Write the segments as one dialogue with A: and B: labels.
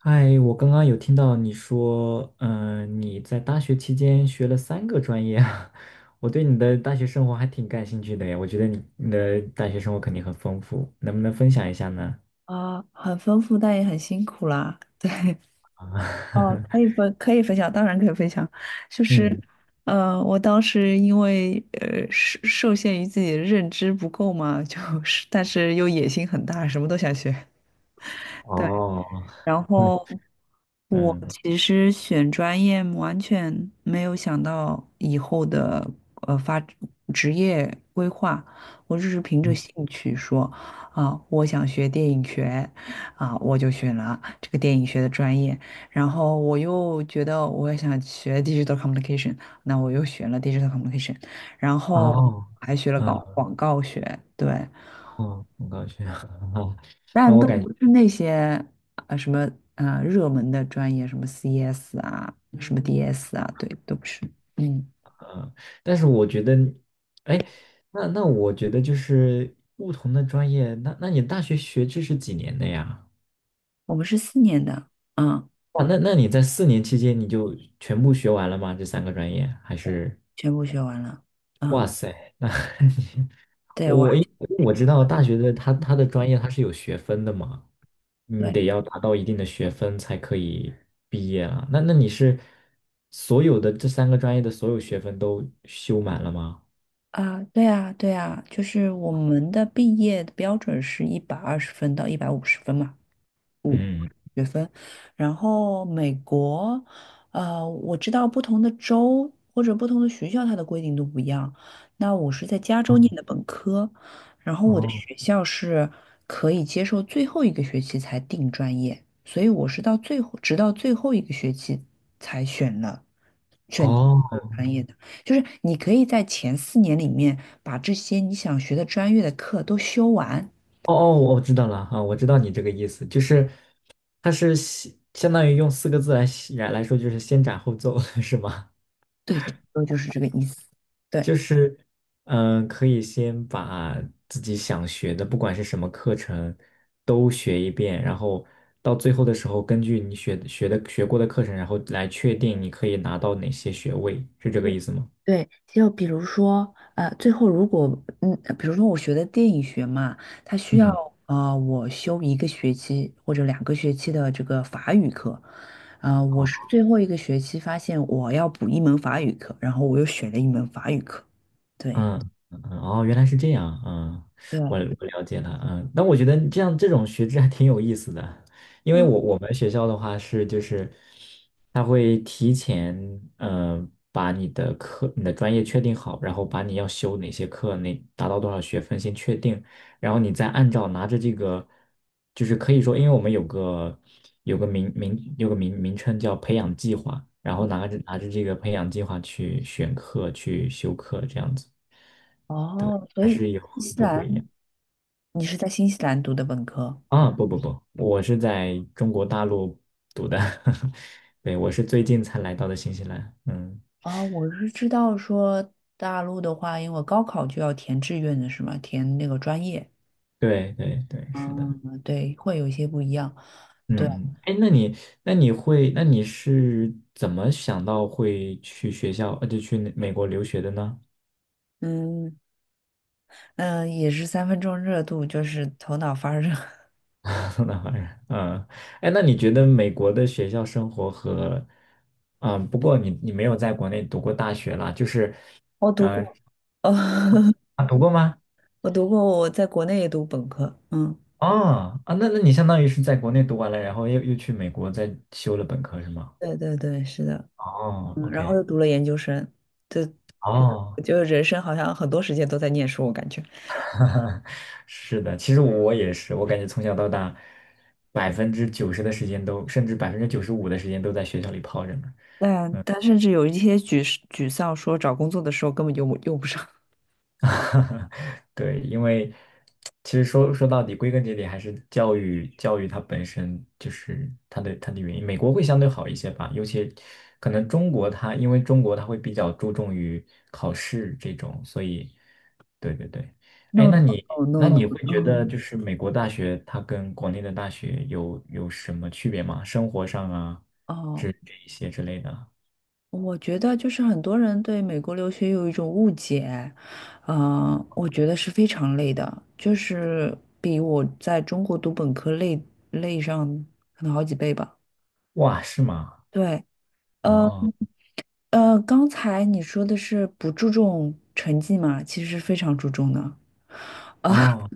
A: 嗨，我刚刚有听到你说，你在大学期间学了三个专业啊，我对你的大学生活还挺感兴趣的呀。我觉得你的大学生活肯定很丰富，能不能分享一下呢？
B: 啊，很丰富，但也很辛苦啦。
A: 啊，
B: 哦，可以分，享，当然可以分享。就是，
A: 嗯。
B: 我当时因为呃受受限于自己的认知不够嘛，就 是但是又野心很大，什么都想学。对。
A: 哦，
B: 然
A: 嗯
B: 后我
A: 嗯。
B: 其实选专业完全没有想到以后的呃发职业规划，我只是凭着
A: 嗯
B: 兴趣说啊，我想学电影学啊，我就选了这个电影学的专业。然后我又觉得我也想学 digital communication,那我又选了 digital communication,然后
A: 哦。
B: 还学了搞
A: 嗯
B: 广告学，对，
A: 哦，很高兴。哦，那
B: 但
A: 我
B: 都
A: 感觉，
B: 不是那些呃什么呃热门的专业，什么 CS 啊，什么 DS 啊，对，都不是。嗯，
A: 嗯，但是我觉得，哎，那我觉得就是不同的专业，那你大学学制是几年的呀？
B: 我们是四年的，嗯，
A: 哇，那你在4年期间你就全部学完了吗？这三个专业还是？
B: 全部学完了。
A: 哇
B: 嗯，
A: 塞，那 你
B: 对，我
A: 我
B: 还
A: 因为我知道大学的它的专业它是有学分的嘛，你
B: 对
A: 得要达到一定的学分才可以毕业啊。那你是所有的这三个专业的所有学分都修满了吗？
B: 对啊，就是我们的毕业的标准是一百二十分到一百五十分嘛。五
A: 嗯。
B: 学分，然后美国，呃，我知道不同的州或者不同的学校，它的规定都不一样。那我是在加州念的
A: 哦
B: 本科，然后我的
A: 哦
B: 学校是可以接受最后一个学期才定专业，所以我是到最后，直到最后一个学期才选定这
A: 哦
B: 个专业的。就是你可以在前四年里面把这些你想学的专业的课都修完，
A: 哦哦，我知道了啊，我知道你这个意思，就是它是相当于用四个字来说，就是先斩后奏，是吗？
B: 对，差不多就是这个意思。对。
A: 就是，可以先把自己想学的，不管是什么课程，都学一遍，然后到最后的时候，根据你学过的课程，然后来确定你可以拿到哪些学位，是这个意思吗？
B: 对，就比如说，最后如果，嗯，比如说我学的电影学嘛，它需
A: 嗯，
B: 要我修一个学期或者两个学期的这个法语课，啊、我是
A: 好。
B: 最后一个学期发现我要补一门法语课，然后我又选了一门法语课，对
A: 嗯嗯嗯哦，原来是这样，嗯，
B: 对，
A: 我了解了，嗯，那我觉得这样这种学制还挺有意思的，因为
B: 嗯，
A: 我们学校的话是就是，他会提前把你的课你的专业确定好，然后把你要修哪些课，那达到多少学分先确定，然后你再按照拿着这个，就是可以说，因为我们有个名称叫培养计划，然后拿着这个培养计划去选课去修课这样子。
B: 哦，所以新西兰你是在新西兰读的本科？
A: 啊，不不不，我是在中国大陆读的，对，我是最近才来到的新西兰。嗯，
B: 哦，我是知道说大陆的话，因为高考就要填志愿的是吗？填那个专业。
A: 对对对，是的。
B: 嗯，对，会有一些不一样。
A: 嗯，哎，那你是怎么想到会去学校，就去那美国留学的呢？
B: 嗯嗯，也是三分钟热度，就是头脑发热。
A: 那当然，嗯，哎，那你觉得美国的学校生活和，嗯，不过你没有在国内读过大学啦，就是，
B: 我读
A: 呃，
B: 过，哦，
A: 啊，读过吗？
B: 我读过，我在国内也读本科。嗯，
A: 啊啊，那你相当于是在国内读完了，然后又去美国再修了本科是吗？
B: 对对对，是的。
A: 哦
B: 嗯，然后
A: ，OK。
B: 又读了研究生。对对，
A: 哦，
B: 就觉得人生好像很多时间都在念书，我感觉。
A: 是的，其实我也是，我感觉从小到大，百分之九十的时间都，甚至95%的时间都在学校里泡着呢。
B: 但甚至有一些沮丧，说找工作的时候根本就用不上。
A: 对，因为其实说到底，归根结底还是教育，教育它本身就是它的原因。美国会相对好一些吧，尤其可能中国它，因为中国它会比较注重于考试这种，所以对对对。哎，
B: No
A: 那
B: no
A: 你
B: no
A: 那
B: no
A: 你会觉得
B: no。
A: 就是美国大学它跟国内的大学有什么区别吗？生活上啊，这
B: 哦，
A: 这一些之类的。
B: 我觉得就是很多人对美国留学有一种误解，我觉得是非常累的，就是比我在中国读本科累上可能好几倍吧。
A: 哇，是吗？
B: 对，呃
A: 哦
B: 刚才你说的是不注重成绩嘛，其实是非常注重的啊，
A: 哦。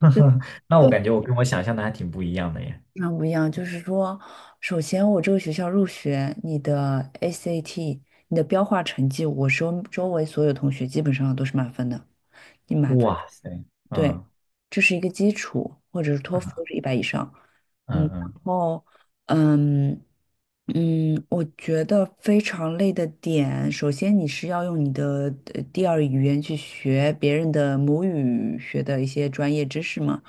A: 那我
B: 对，
A: 感觉我跟我想象的还挺不一样的耶。
B: 非常不一样。就是说，首先我这个学校入学，你的 SAT,你的标化成绩，我周围所有同学基本上都是满分的，你满分。
A: 哇塞，
B: 对，
A: 嗯
B: 这是一个基础，或者是托
A: 嗯
B: 福都是一百以上。嗯，
A: 嗯嗯
B: 然后，嗯我觉得非常累的点，首先你是要用你的第二语言去学别人的母语学的一些专业知识嘛，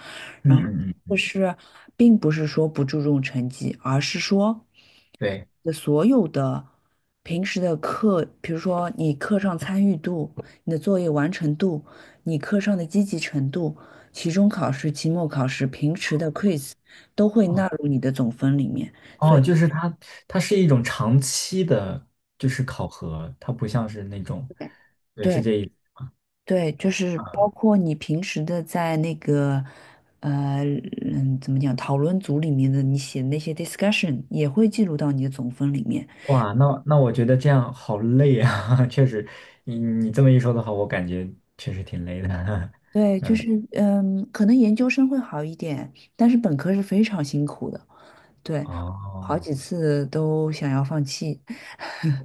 B: 然后
A: 嗯
B: 就
A: 嗯。
B: 是并不是说不注重成绩，而是说。
A: 对。
B: 的所有的平时的课，比如说你课上参与度、你的作业完成度、你课上的积极程度、期中考试、期末考试、平时的 quiz 都会
A: 哦
B: 纳入你的总分里面。所
A: 哦，
B: 以，
A: 就是它，它是一种长期的，就是考核，它不像是那种，对，是
B: 对，对
A: 这一。
B: 对就是包括你平时的在那个呃怎么讲讨论组里面的你写的那些 discussion 也会记录到你的总分里面。
A: 哇，那我觉得这样好累啊，确实，你这么一说的话，我感觉确实挺累的，
B: 对，就是
A: 嗯。
B: 嗯，可能研究生会好一点，但是本科是非常辛苦的。对，好
A: 哦。
B: 几次都想要放弃，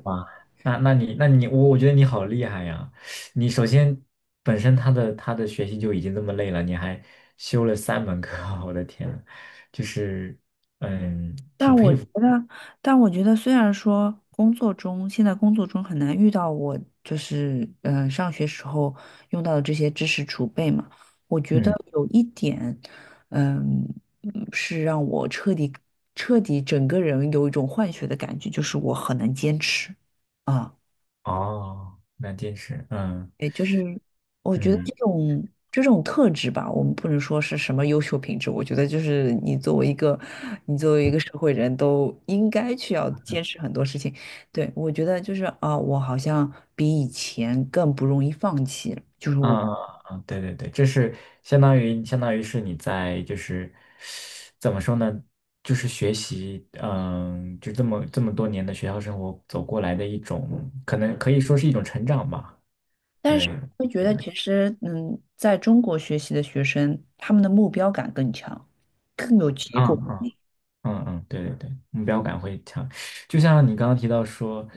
A: 那那你那你我我觉得你好厉害呀！你首先本身他的学习就已经这么累了，你还修了三门课，我的天呐。就是。嗯
B: 但我觉得，但我觉得虽然说工作中，现在工作中很难遇到我就是上学时候用到的这些知识储备嘛，我觉得
A: 嗯。
B: 有一点，嗯是让我彻底整个人有一种换血的感觉，就是我很能坚持啊。
A: 哦。那近视。嗯
B: 我觉得
A: 嗯。
B: 这种特质吧，我们不能说是什么优秀品质，我觉得就是你作为一个社会人都应该去要坚持很多事情。对，我觉得就是啊，我好像比以前更不容易放弃了，就是
A: 啊
B: 我，
A: 啊啊！对对对，这是相当于是你在就是怎么说呢？就是学习，嗯，就这么多年的学校生活走过来的一种，可能可以说是一种成长吧。
B: 但
A: 对，
B: 是会觉
A: 是
B: 得
A: 的。
B: 其实嗯，在中国学习的学生，他们的目标感更强，更有结
A: 啊
B: 果。
A: 啊。嗯嗯，对对对，目标感会强。就像你刚刚提到说，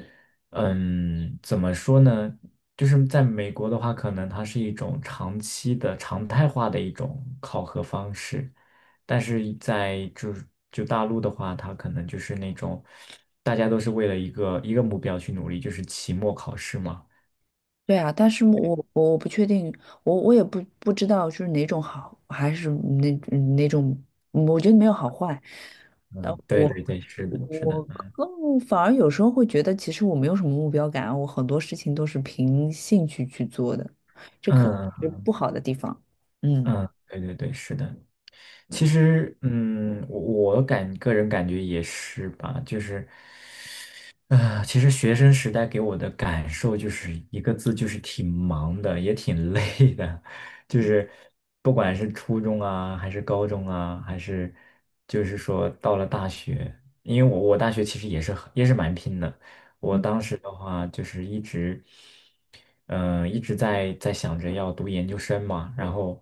A: 嗯，怎么说呢？就是在美国的话，可能它是一种长期的常态化的一种考核方式，但是在就大陆的话，它可能就是那种大家都是为了一个一个目标去努力，就是期末考试嘛。
B: 对啊，但是我我不确定，我也不知道就是哪种好，还是哪种，嗯我觉得没有好坏。呃，
A: 嗯，对
B: 我
A: 对对，是的，是的。
B: 我更反而有时候会觉得，其实我没有什么目标感，我很多事情都是凭兴趣去做的，这可能
A: 嗯
B: 是不好的地方。嗯，
A: 嗯，对对对，是的。其实，嗯，我个人感觉也是吧，就是。啊，其实学生时代给我的感受就是一个字，就是挺忙的，也挺累的，就是不管是初中啊，还是高中啊，还是就是说到了大学，因为我大学其实也是很也是蛮拼的。我当时的话就是一直，嗯、一直在想着要读研究生嘛，然后，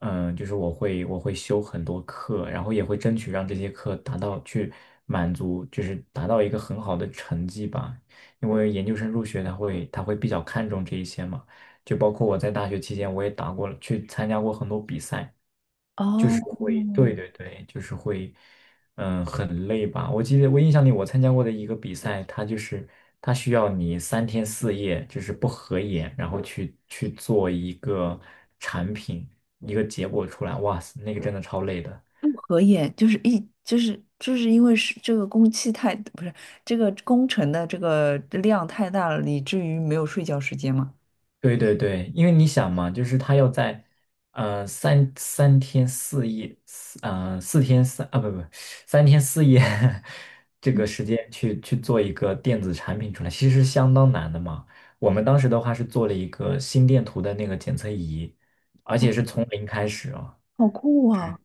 A: 就是我会修很多课，然后也会争取让这些课达到去满足，就是达到一个很好的成绩吧，因为研究生入学他会比较看重这一些嘛，就包括我在大学期间我也打过了，去参加过很多比赛。
B: 哦，
A: 对对对，就是会，很累吧？我记得我印象里，我参加过的一个比赛，它就是它需要你三天四夜，就是不合眼，然后去做一个产品，一个结果出来。哇塞，那个真的超累的。
B: 不合眼就是就是因为是这个工期太，不是这个工程的这个量太大了，以至于没有睡觉时间嘛。
A: 对对对，因为你想嘛，就是他要在呃三三天四夜，四呃四天三啊不不三天四夜 这个时间去做一个电子产品出来，其实是相当难的嘛。我们当时的话是做了一个心电图的那个检测仪，而且是从零开始啊，
B: 好酷啊！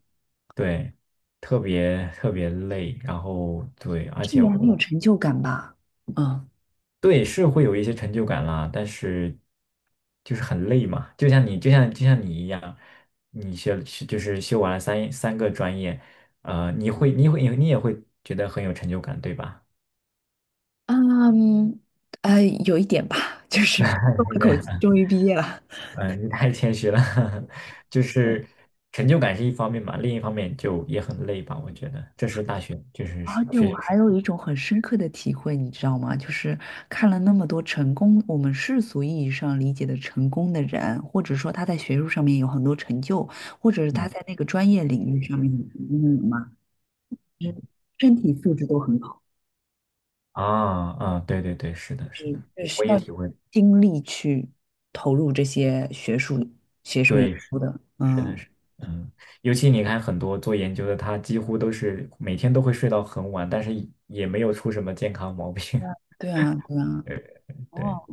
A: 对，特别特别累，然后对，而
B: 这
A: 且
B: 也很有
A: 我
B: 成就感吧？嗯
A: 对，是会有一些成就感啦，但是就是很累嘛，就像你，就像你一样，你就是修完了三个专业，呃，你也会觉得很有成就感，对吧？
B: 嗯，有一点吧，就是松了口气，终 于毕业了。
A: 你太谦虚了，就是成就感是一方面嘛，另一方面就也很累吧，我觉得这是大学就是
B: 而且
A: 学
B: 我
A: 生
B: 还有一种很深刻的体会，你知道吗？就是看了那么多成功，我们世俗意义上理解的成功的人，或者说他在学术上面有很多成就，或者是他
A: 嗯
B: 在那个专业领域上面很成功的人嘛，就
A: 嗯。
B: 是身体素质都很好。
A: 啊啊，对对对，是的，是的，
B: 是
A: 我
B: 需
A: 我也
B: 要
A: 体会。
B: 精力去投入这些学术研
A: 对。
B: 究的。
A: 真的
B: 嗯，
A: 是，嗯，尤其你看很多做研究的，他几乎都是每天都会睡到很晚，但是也没有出什么健康毛病。
B: 对啊，对啊。
A: 对，
B: 哦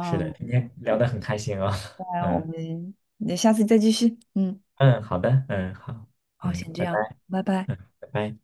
A: 是的，今天聊得很开心啊。
B: 那我
A: 嗯
B: 们那下次再继续。嗯，
A: 嗯，好的，嗯，好，
B: 好，
A: 嗯，
B: 先这
A: 拜
B: 样，
A: 拜，
B: 拜拜。
A: 嗯，拜拜。